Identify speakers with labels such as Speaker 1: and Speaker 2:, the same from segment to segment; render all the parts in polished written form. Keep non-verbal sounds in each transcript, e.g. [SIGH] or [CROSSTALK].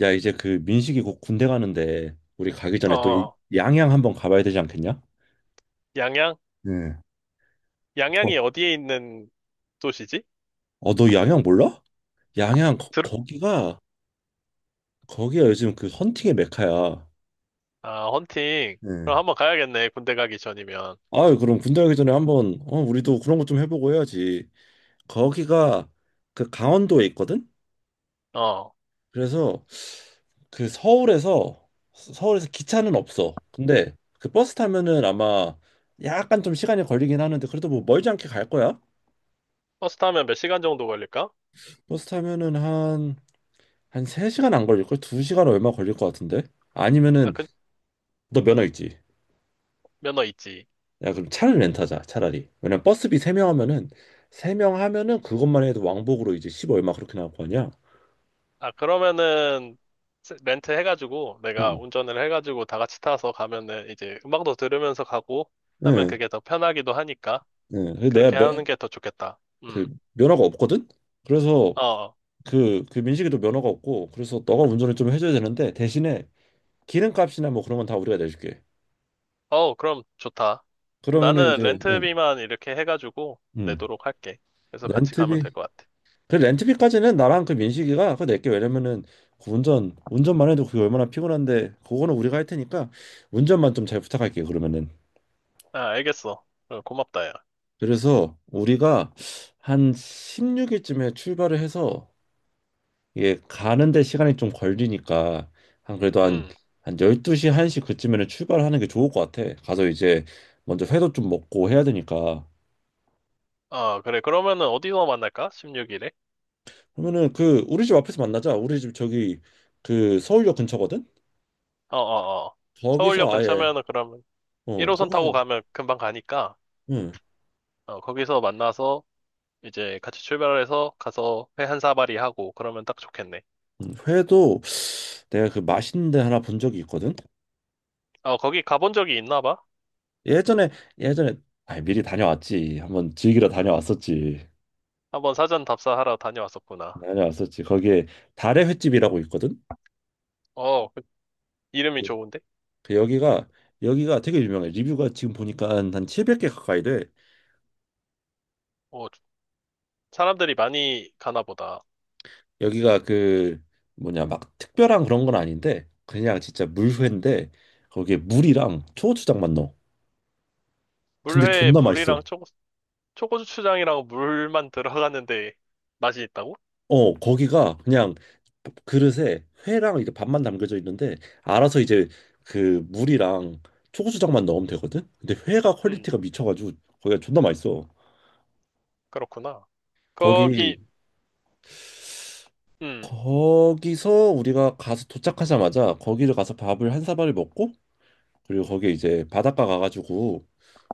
Speaker 1: 야, 이제 그 민식이 곧 군대 가는데 우리 가기
Speaker 2: 어,
Speaker 1: 전에 또
Speaker 2: 어.
Speaker 1: 양양 한번 가봐야 되지 않겠냐?
Speaker 2: 양양?
Speaker 1: 네. 어,
Speaker 2: 양양이 어디에 있는 도시지?
Speaker 1: 어, 너 양양 몰라? 양양 거,
Speaker 2: 들...
Speaker 1: 거기가 거기가 요즘 그 헌팅의 메카야.
Speaker 2: 아, 헌팅. 그럼
Speaker 1: 네.
Speaker 2: 한번 가야겠네, 군대 가기 전이면.
Speaker 1: 아유, 그럼 군대 가기 전에 한번 우리도 그런 거 좀 해보고 해야지. 거기가 그 강원도에 있거든?
Speaker 2: 어,
Speaker 1: 그래서 그 서울에서 기차는 없어. 근데 그 버스 타면은 아마 약간 좀 시간이 걸리긴 하는데 그래도 뭐 멀지 않게 갈 거야.
Speaker 2: 버스 타면 몇 시간 정도 걸릴까?
Speaker 1: 버스 타면은 한 3시간 안 걸릴걸? 2시간 얼마 걸릴 것 같은데?
Speaker 2: 아,
Speaker 1: 아니면은
Speaker 2: 그,
Speaker 1: 너 면허 있지?
Speaker 2: 면허 있지.
Speaker 1: 야 그럼 차를 렌트하자 차라리. 왜냐면 버스비 3명 하면은 그것만 해도 왕복으로 이제 10 얼마 그렇게 나올 거 아니야?
Speaker 2: 아, 그러면은, 렌트 해가지고, 내가
Speaker 1: 응,
Speaker 2: 운전을 해가지고 다 같이 타서 가면은, 이제 음악도 들으면서 가고 하면
Speaker 1: 응,
Speaker 2: 그게 더 편하기도 하니까,
Speaker 1: 응. 그래서
Speaker 2: 그렇게 하는 게 더 좋겠다.
Speaker 1: 그 면허가 없거든? 그래서
Speaker 2: 어, 어,
Speaker 1: 그 민식이도 면허가 없고 그래서 너가 운전을 좀 해줘야 되는데, 대신에 기름값이나 뭐 그런 건 다 우리가 내줄게.
Speaker 2: 어, 그럼 좋다. 그럼
Speaker 1: 그러면은
Speaker 2: 나는
Speaker 1: 이제 응,
Speaker 2: 렌트비만 이렇게 해가지고
Speaker 1: 응.
Speaker 2: 내도록 할게. 그래서 같이 가면 될
Speaker 1: 렌트비
Speaker 2: 것 같아.
Speaker 1: 그 렌트비까지는 나랑 그 민식이가 그거 낼게. 왜냐면은 그 운전만 해도 그게 얼마나 피곤한데. 그거는 우리가 할 테니까 운전만 좀 잘 부탁할게 요. 그러면은
Speaker 2: 아, 알겠어. 어, 고맙다, 야.
Speaker 1: 그래서 우리가 한 16일쯤에 출발을 해서, 이게 가는데 시간이 좀 걸리니까 한 그래도 한
Speaker 2: 음.
Speaker 1: 한 12시 1시 그쯤에는 출발하는 게 좋을 것 같아. 가서 이제 먼저 회도 좀 먹고 해야 되니까.
Speaker 2: 아, 그래. 그러면은 어디서 만날까? 16일에?
Speaker 1: 그러면은 그 우리 집 앞에서 만나자. 우리 집 저기 그 서울역 근처거든.
Speaker 2: 어, 어, 어. 서울역
Speaker 1: 거기서 아예
Speaker 2: 근처면은 그러면 1호선 타고
Speaker 1: 거기서.
Speaker 2: 가면 금방 가니까,
Speaker 1: 응.
Speaker 2: 어, 거기서 만나서 이제 같이 출발해서 가서 회 한 사발이 하고 그러면 딱 좋겠네.
Speaker 1: 응, 회도 내가 그 맛있는 데 하나 본 적이 있거든.
Speaker 2: 어, 거기 가본 적이 있나 봐?
Speaker 1: 예전에 예전에 아 미리 다녀왔지. 한번 즐기러 다녀왔었지.
Speaker 2: 한번 사전 답사하러 다녀왔었구나.
Speaker 1: 다녀왔었지. 거기에 달의 횟집이라고 있거든.
Speaker 2: 어, 그 이름이
Speaker 1: 네. 그
Speaker 2: 좋은데?
Speaker 1: 그 여기가 되게 유명해. 리뷰가 지금 보니까 한 700개 가까이 돼.
Speaker 2: 어, 사람들이 많이 가나 보다.
Speaker 1: 여기가 그 뭐냐 막 특별한 그런 건 아닌데 그냥 진짜 물회인데 거기에 물이랑 초고추장만 넣어. 근데
Speaker 2: 물회,
Speaker 1: 존나 맛있어.
Speaker 2: 물이랑 초고, 초고추장이랑 물만 들어갔는데 맛이 있다고?
Speaker 1: 어, 거기가 그냥 그릇에 회랑 이렇게 밥만 담겨져 있는데, 알아서 이제 그 물이랑 초고추장만 넣으면 되거든. 근데 회가
Speaker 2: 음,
Speaker 1: 퀄리티가 미쳐가지고 거기가 존나 맛있어.
Speaker 2: 그렇구나.
Speaker 1: 거기
Speaker 2: 거기, 음,
Speaker 1: 거기서 우리가 가서 도착하자마자 거기를 가서 밥을 한 사발을 먹고, 그리고 거기에 이제 바닷가 가가지고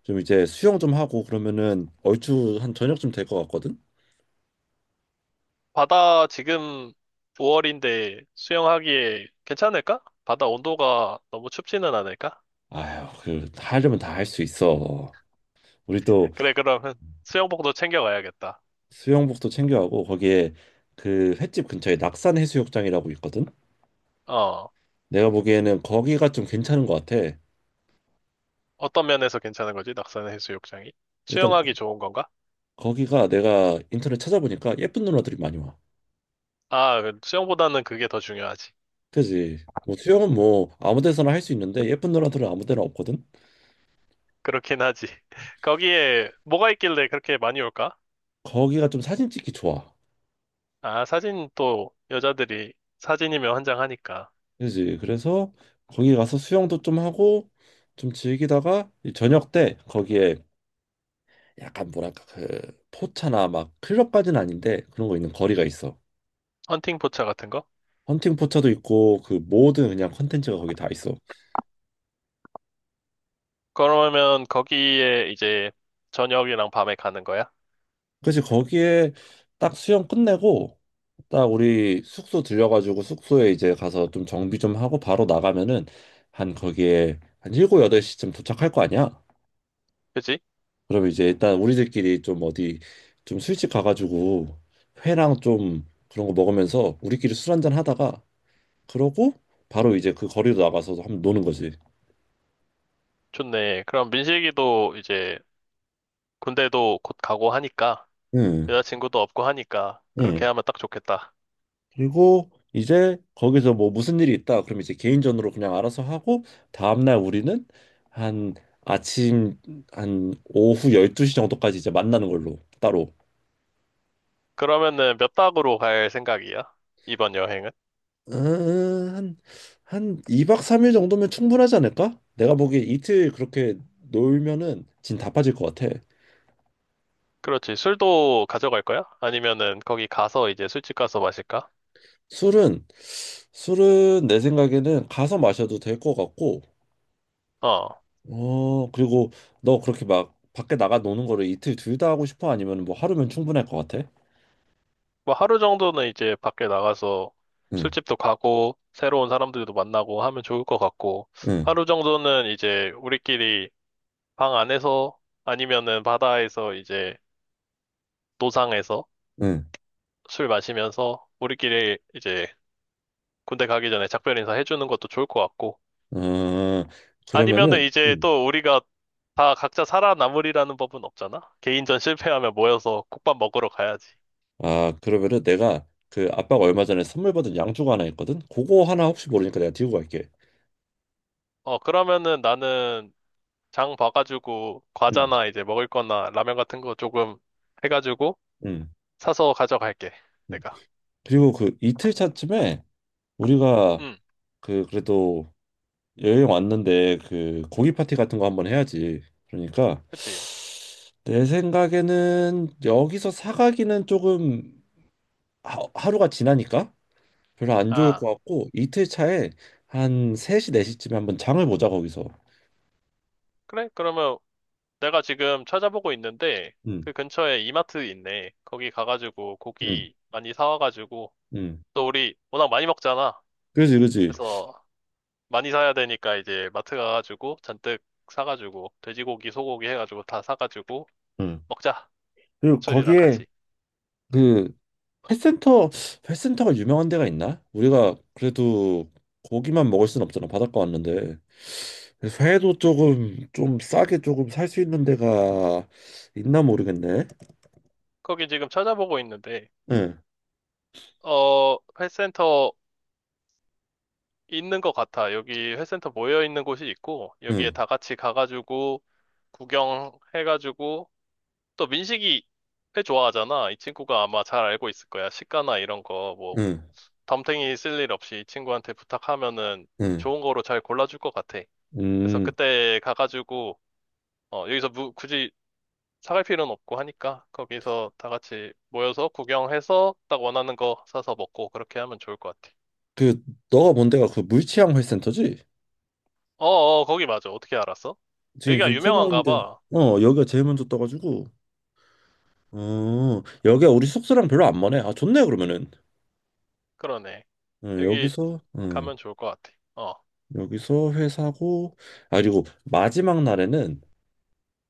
Speaker 1: 좀 이제 수영 좀 하고 그러면은 얼추 한 저녁쯤 될 것 같거든.
Speaker 2: 바다 지금 5월인데 수영하기에 괜찮을까? 바다 온도가 너무 춥지는 않을까?
Speaker 1: 아휴, 그 하려면 다 할 수 있어. 우리 또
Speaker 2: 그래, 그러면 수영복도 챙겨가야겠다.
Speaker 1: 수영복도 챙겨가고 거기에 그 횟집 근처에 낙산 해수욕장이라고 있거든.
Speaker 2: 어,
Speaker 1: 내가 보기에는 거기가 좀 괜찮은 것 같아.
Speaker 2: 어떤 면에서 괜찮은 거지? 낙산 해수욕장이?
Speaker 1: 일단
Speaker 2: 수영하기 좋은 건가?
Speaker 1: 거기가 내가 인터넷 찾아보니까 예쁜 누나들이 많이 와.
Speaker 2: 아, 그 수영보다는 그게 더 중요하지.
Speaker 1: 그지? 뭐 수영은 뭐 아무 데서나 할 수 있는데 예쁜 누나들은 아무 데나 없거든.
Speaker 2: 그렇긴 하지. [LAUGHS] 거기에 뭐가 있길래 그렇게 많이 올까?
Speaker 1: 거기가 좀 사진 찍기 좋아.
Speaker 2: 아, 사진 또 여자들이 사진이면 환장하니까.
Speaker 1: 그지? 그래서 거기 가서 수영도 좀 하고 좀 즐기다가 이 저녁 때 거기에 약간 뭐랄까 그 포차나 막 클럽까지는 아닌데 그런 거 있는 거리가 있어.
Speaker 2: 헌팅 포차 같은 거?
Speaker 1: 헌팅 포차도 있고 그 모든 그냥 컨텐츠가 거기 다 있어.
Speaker 2: 그러면 거기에 이제 저녁이랑 밤에 가는 거야?
Speaker 1: 그래서 거기에 딱 수영 끝내고 딱 우리 숙소 들려가지고 숙소에 이제 가서 좀 정비 좀 하고 바로 나가면은 한 거기에 한 7, 8시쯤 도착할 거 아니야?
Speaker 2: 그지?
Speaker 1: 그럼 이제 일단 우리들끼리 좀 어디 좀 술집 가가지고 회랑 좀 그런 거 먹으면서 우리끼리 술 한잔 하다가, 그러고 바로 이제 그 거리로 나가서 한번 노는 거지.
Speaker 2: 좋네. 그럼 민식이도 이제 군대도 곧 가고 하니까
Speaker 1: 응.
Speaker 2: 여자친구도 없고 하니까 그렇게
Speaker 1: 응.
Speaker 2: 하면 딱 좋겠다.
Speaker 1: 그리고 이제 거기서 뭐 무슨 일이 있다. 그럼 이제 개인전으로 그냥 알아서 하고, 다음날 우리는 한 아침 한 오후 12시 정도까지 이제 만나는 걸로 따로.
Speaker 2: 그러면은 몇 박으로 갈 생각이야? 이번 여행은?
Speaker 1: 음, 한, 한 2박 3일 정도면 충분하지 않을까? 내가 보기에 이틀 그렇게 놀면은 진 다 빠질 것 같아.
Speaker 2: 그렇지. 술도 가져갈 거야? 아니면은 거기 가서 이제 술집 가서 마실까?
Speaker 1: 술은 술은 내 생각에는 가서 마셔도 될 것 같고.
Speaker 2: 어.
Speaker 1: 어, 그리고 너 그렇게 막 밖에 나가 노는 거를 이틀 둘 다 하고 싶어? 아니면 뭐 하루면 충분할 것 같아?
Speaker 2: 뭐 하루 정도는 이제 밖에 나가서
Speaker 1: 응,
Speaker 2: 술집도 가고 새로운 사람들도 만나고 하면 좋을 것 같고
Speaker 1: 응,
Speaker 2: 하루 정도는 이제 우리끼리 방 안에서 아니면은 바다에서 이제 노상에서
Speaker 1: 응.
Speaker 2: 술 마시면서 우리끼리 이제 군대 가기 전에 작별 인사 해주는 것도 좋을 것 같고
Speaker 1: 아,
Speaker 2: 아니면은
Speaker 1: 그러면은,
Speaker 2: 이제 또 우리가 다 각자 살아남으리라는 법은 없잖아. 개인전 실패하면 모여서 국밥 먹으러 가야지.
Speaker 1: 응. 아, 그러면은 내가 그 아빠가 얼마 전에 선물 받은 양주가 하나 있거든? 그거 하나 혹시 모르니까 내가 들고 갈게.
Speaker 2: 어, 그러면은 나는 장 봐가지고
Speaker 1: 응,
Speaker 2: 과자나 이제 먹을 거나 라면 같은 거 조금 해가지고
Speaker 1: 응,
Speaker 2: 사서 가져갈게.
Speaker 1: 응.
Speaker 2: 내가.
Speaker 1: 그리고 그 이틀 차쯤에 우리가
Speaker 2: 응,
Speaker 1: 그 그래도 여행 왔는데 그 고기 파티 같은 거 한번 해야지. 그러니까
Speaker 2: 그치.
Speaker 1: 내 생각에는 여기서 사가기는 조금 하루가 지나니까 별로 안 좋을
Speaker 2: 아,
Speaker 1: 것 같고, 이틀 차에 한 3시 4시쯤에 한번 장을 보자 거기서.
Speaker 2: 그래? 그러면 내가 지금 찾아보고 있는데
Speaker 1: 응
Speaker 2: 그 근처에 이마트 있네. 거기 가가지고
Speaker 1: 응
Speaker 2: 고기 많이 사와가지고
Speaker 1: 응
Speaker 2: 또 우리 워낙 많이 먹잖아.
Speaker 1: 그지 그지
Speaker 2: 그래서 많이 사야 되니까 이제 마트 가가지고 잔뜩 사가지고 돼지고기, 소고기 해가지고 다 사가지고
Speaker 1: 응.
Speaker 2: 먹자.
Speaker 1: 그리고
Speaker 2: 술이랑
Speaker 1: 거기에
Speaker 2: 같이.
Speaker 1: 그 회센터 회센터가 유명한 데가 있나? 우리가 그래도 고기만 먹을 순 없잖아 바닷가 왔는데. 그래서 회도 조금 좀 싸게 조금 살 수 있는 데가 있나 모르겠네.
Speaker 2: 거기 지금 찾아보고 있는데
Speaker 1: 응
Speaker 2: 어 회센터 있는 것 같아. 여기 회센터 모여 있는 곳이 있고 여기에 다
Speaker 1: 응
Speaker 2: 같이 가가지고 구경해가지고 또 민식이 회 좋아하잖아. 이 친구가 아마 잘 알고 있을 거야. 시가나 이런 거, 뭐,
Speaker 1: 응
Speaker 2: 덤탱이 쓸 일 없이 이 친구한테 부탁하면은
Speaker 1: 응
Speaker 2: 좋은 거로 잘 골라줄 것 같아. 그래서
Speaker 1: 음
Speaker 2: 그때 가가지고, 어, 여기서 굳이 사갈 필요는 없고 하니까 거기서 다 같이 모여서 구경해서 딱 원하는 거 사서 먹고 그렇게 하면 좋을 것 같아.
Speaker 1: 그 너가 본 데가 그 물치향 회센터지?
Speaker 2: 어어, 거기 맞아. 어떻게 알았어?
Speaker 1: 지금
Speaker 2: 여기가
Speaker 1: 지금
Speaker 2: 유명한가
Speaker 1: 태봉인데
Speaker 2: 봐.
Speaker 1: 어 여기가 제일 먼저 떠가지고, 어 여기가 우리 숙소랑 별로 안 멀네. 아 좋네. 그러면은
Speaker 2: 그러네.
Speaker 1: 어,
Speaker 2: 여기
Speaker 1: 여기서 어
Speaker 2: 가면 좋을 것 같아. 어,
Speaker 1: 여기서 회사고. 아 그리고 마지막 날에는,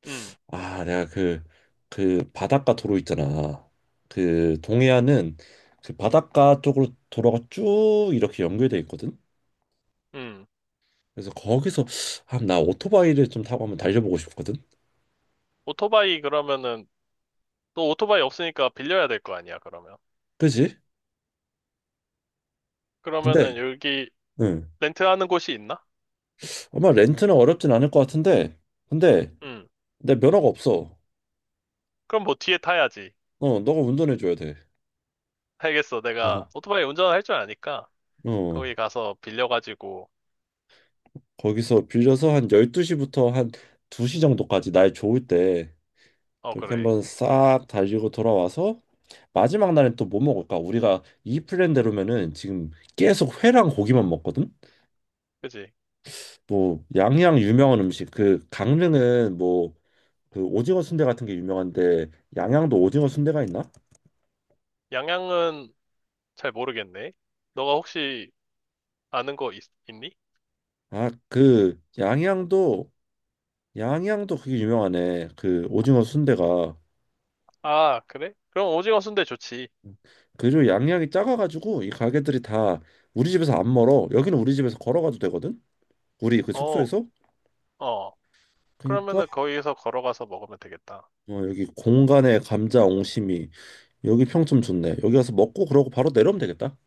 Speaker 2: 음,
Speaker 1: 아 내가 그 그 바닷가 도로 있잖아. 그 동해안은 그 바닷가 쪽으로 도로가 쭉 이렇게 연결돼 있거든.
Speaker 2: 음.
Speaker 1: 그래서 거기서 아, 나 오토바이를 좀 타고 한번 달려보고 싶거든.
Speaker 2: 오토바이 그러면은 너 오토바이 없으니까 빌려야 될 거 아니야, 그러면.
Speaker 1: 그지. 근데
Speaker 2: 그러면은 여기
Speaker 1: 응
Speaker 2: 렌트하는 곳이 있나?
Speaker 1: 아마 렌트는 어렵진 않을 것 같은데, 근데
Speaker 2: 응.
Speaker 1: 내 면허가 없어.
Speaker 2: 그럼 뭐 뒤에 타야지.
Speaker 1: 어, 너가 운전해 줘야 돼.
Speaker 2: 알겠어.
Speaker 1: 어.
Speaker 2: 내가 오토바이 운전할 줄 아니까 거기
Speaker 1: 어.
Speaker 2: 가서 빌려가지고
Speaker 1: 거기서 빌려서 한 12시부터 한 2시 정도까지 날 좋을 때
Speaker 2: 어
Speaker 1: 그렇게
Speaker 2: 그래.
Speaker 1: 한번 싹 달리고 돌아와서 마지막 날엔 또 뭐 먹을까? 우리가 이 플랜대로면은 지금 계속 회랑 고기만 먹거든.
Speaker 2: 그지?
Speaker 1: 뭐 양양 유명한 음식 그 강릉은 뭐 그 오징어 순대 같은 게 유명한데, 양양도 오징어 순대가 있나?
Speaker 2: 양양은 잘 모르겠네. 너가 혹시 아는 거 있, 니
Speaker 1: 아, 그 양양도 그게 유명하네. 그 오징어 순대가.
Speaker 2: 아, 그래? 그럼 오징어 순대 좋지.
Speaker 1: 그리고 양양이 작아가지고 이 가게들이 다 우리 집에서 안 멀어. 여기는 우리 집에서 걸어가도 되거든. 우리 그
Speaker 2: 어,
Speaker 1: 숙소에서.
Speaker 2: 어.
Speaker 1: 그러니까
Speaker 2: 그러면은 거기서 걸어가서 먹으면 되겠다.
Speaker 1: 어, 여기 공간에 감자 옹심이 여기 평점 좋네. 여기 가서 먹고 그러고 바로 내려오면 되겠다.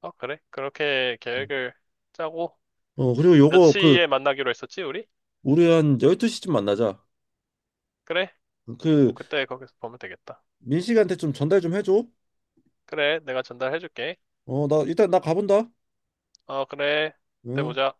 Speaker 2: 어, 그래? 그렇게 계획을 짜고
Speaker 1: 어 그리고
Speaker 2: 몇
Speaker 1: 요거 그
Speaker 2: 시에 만나기로 했었지, 우리?
Speaker 1: 우리 한 12시쯤 만나자.
Speaker 2: 그래? 그럼
Speaker 1: 그
Speaker 2: 그때 거기서 보면 되겠다.
Speaker 1: 민식이한테 좀 전달 좀 해줘.
Speaker 2: 그래, 내가 전달해줄게.
Speaker 1: 어 나 일단 나 가본다.
Speaker 2: 어, 그래. 그때
Speaker 1: 응.
Speaker 2: 보자.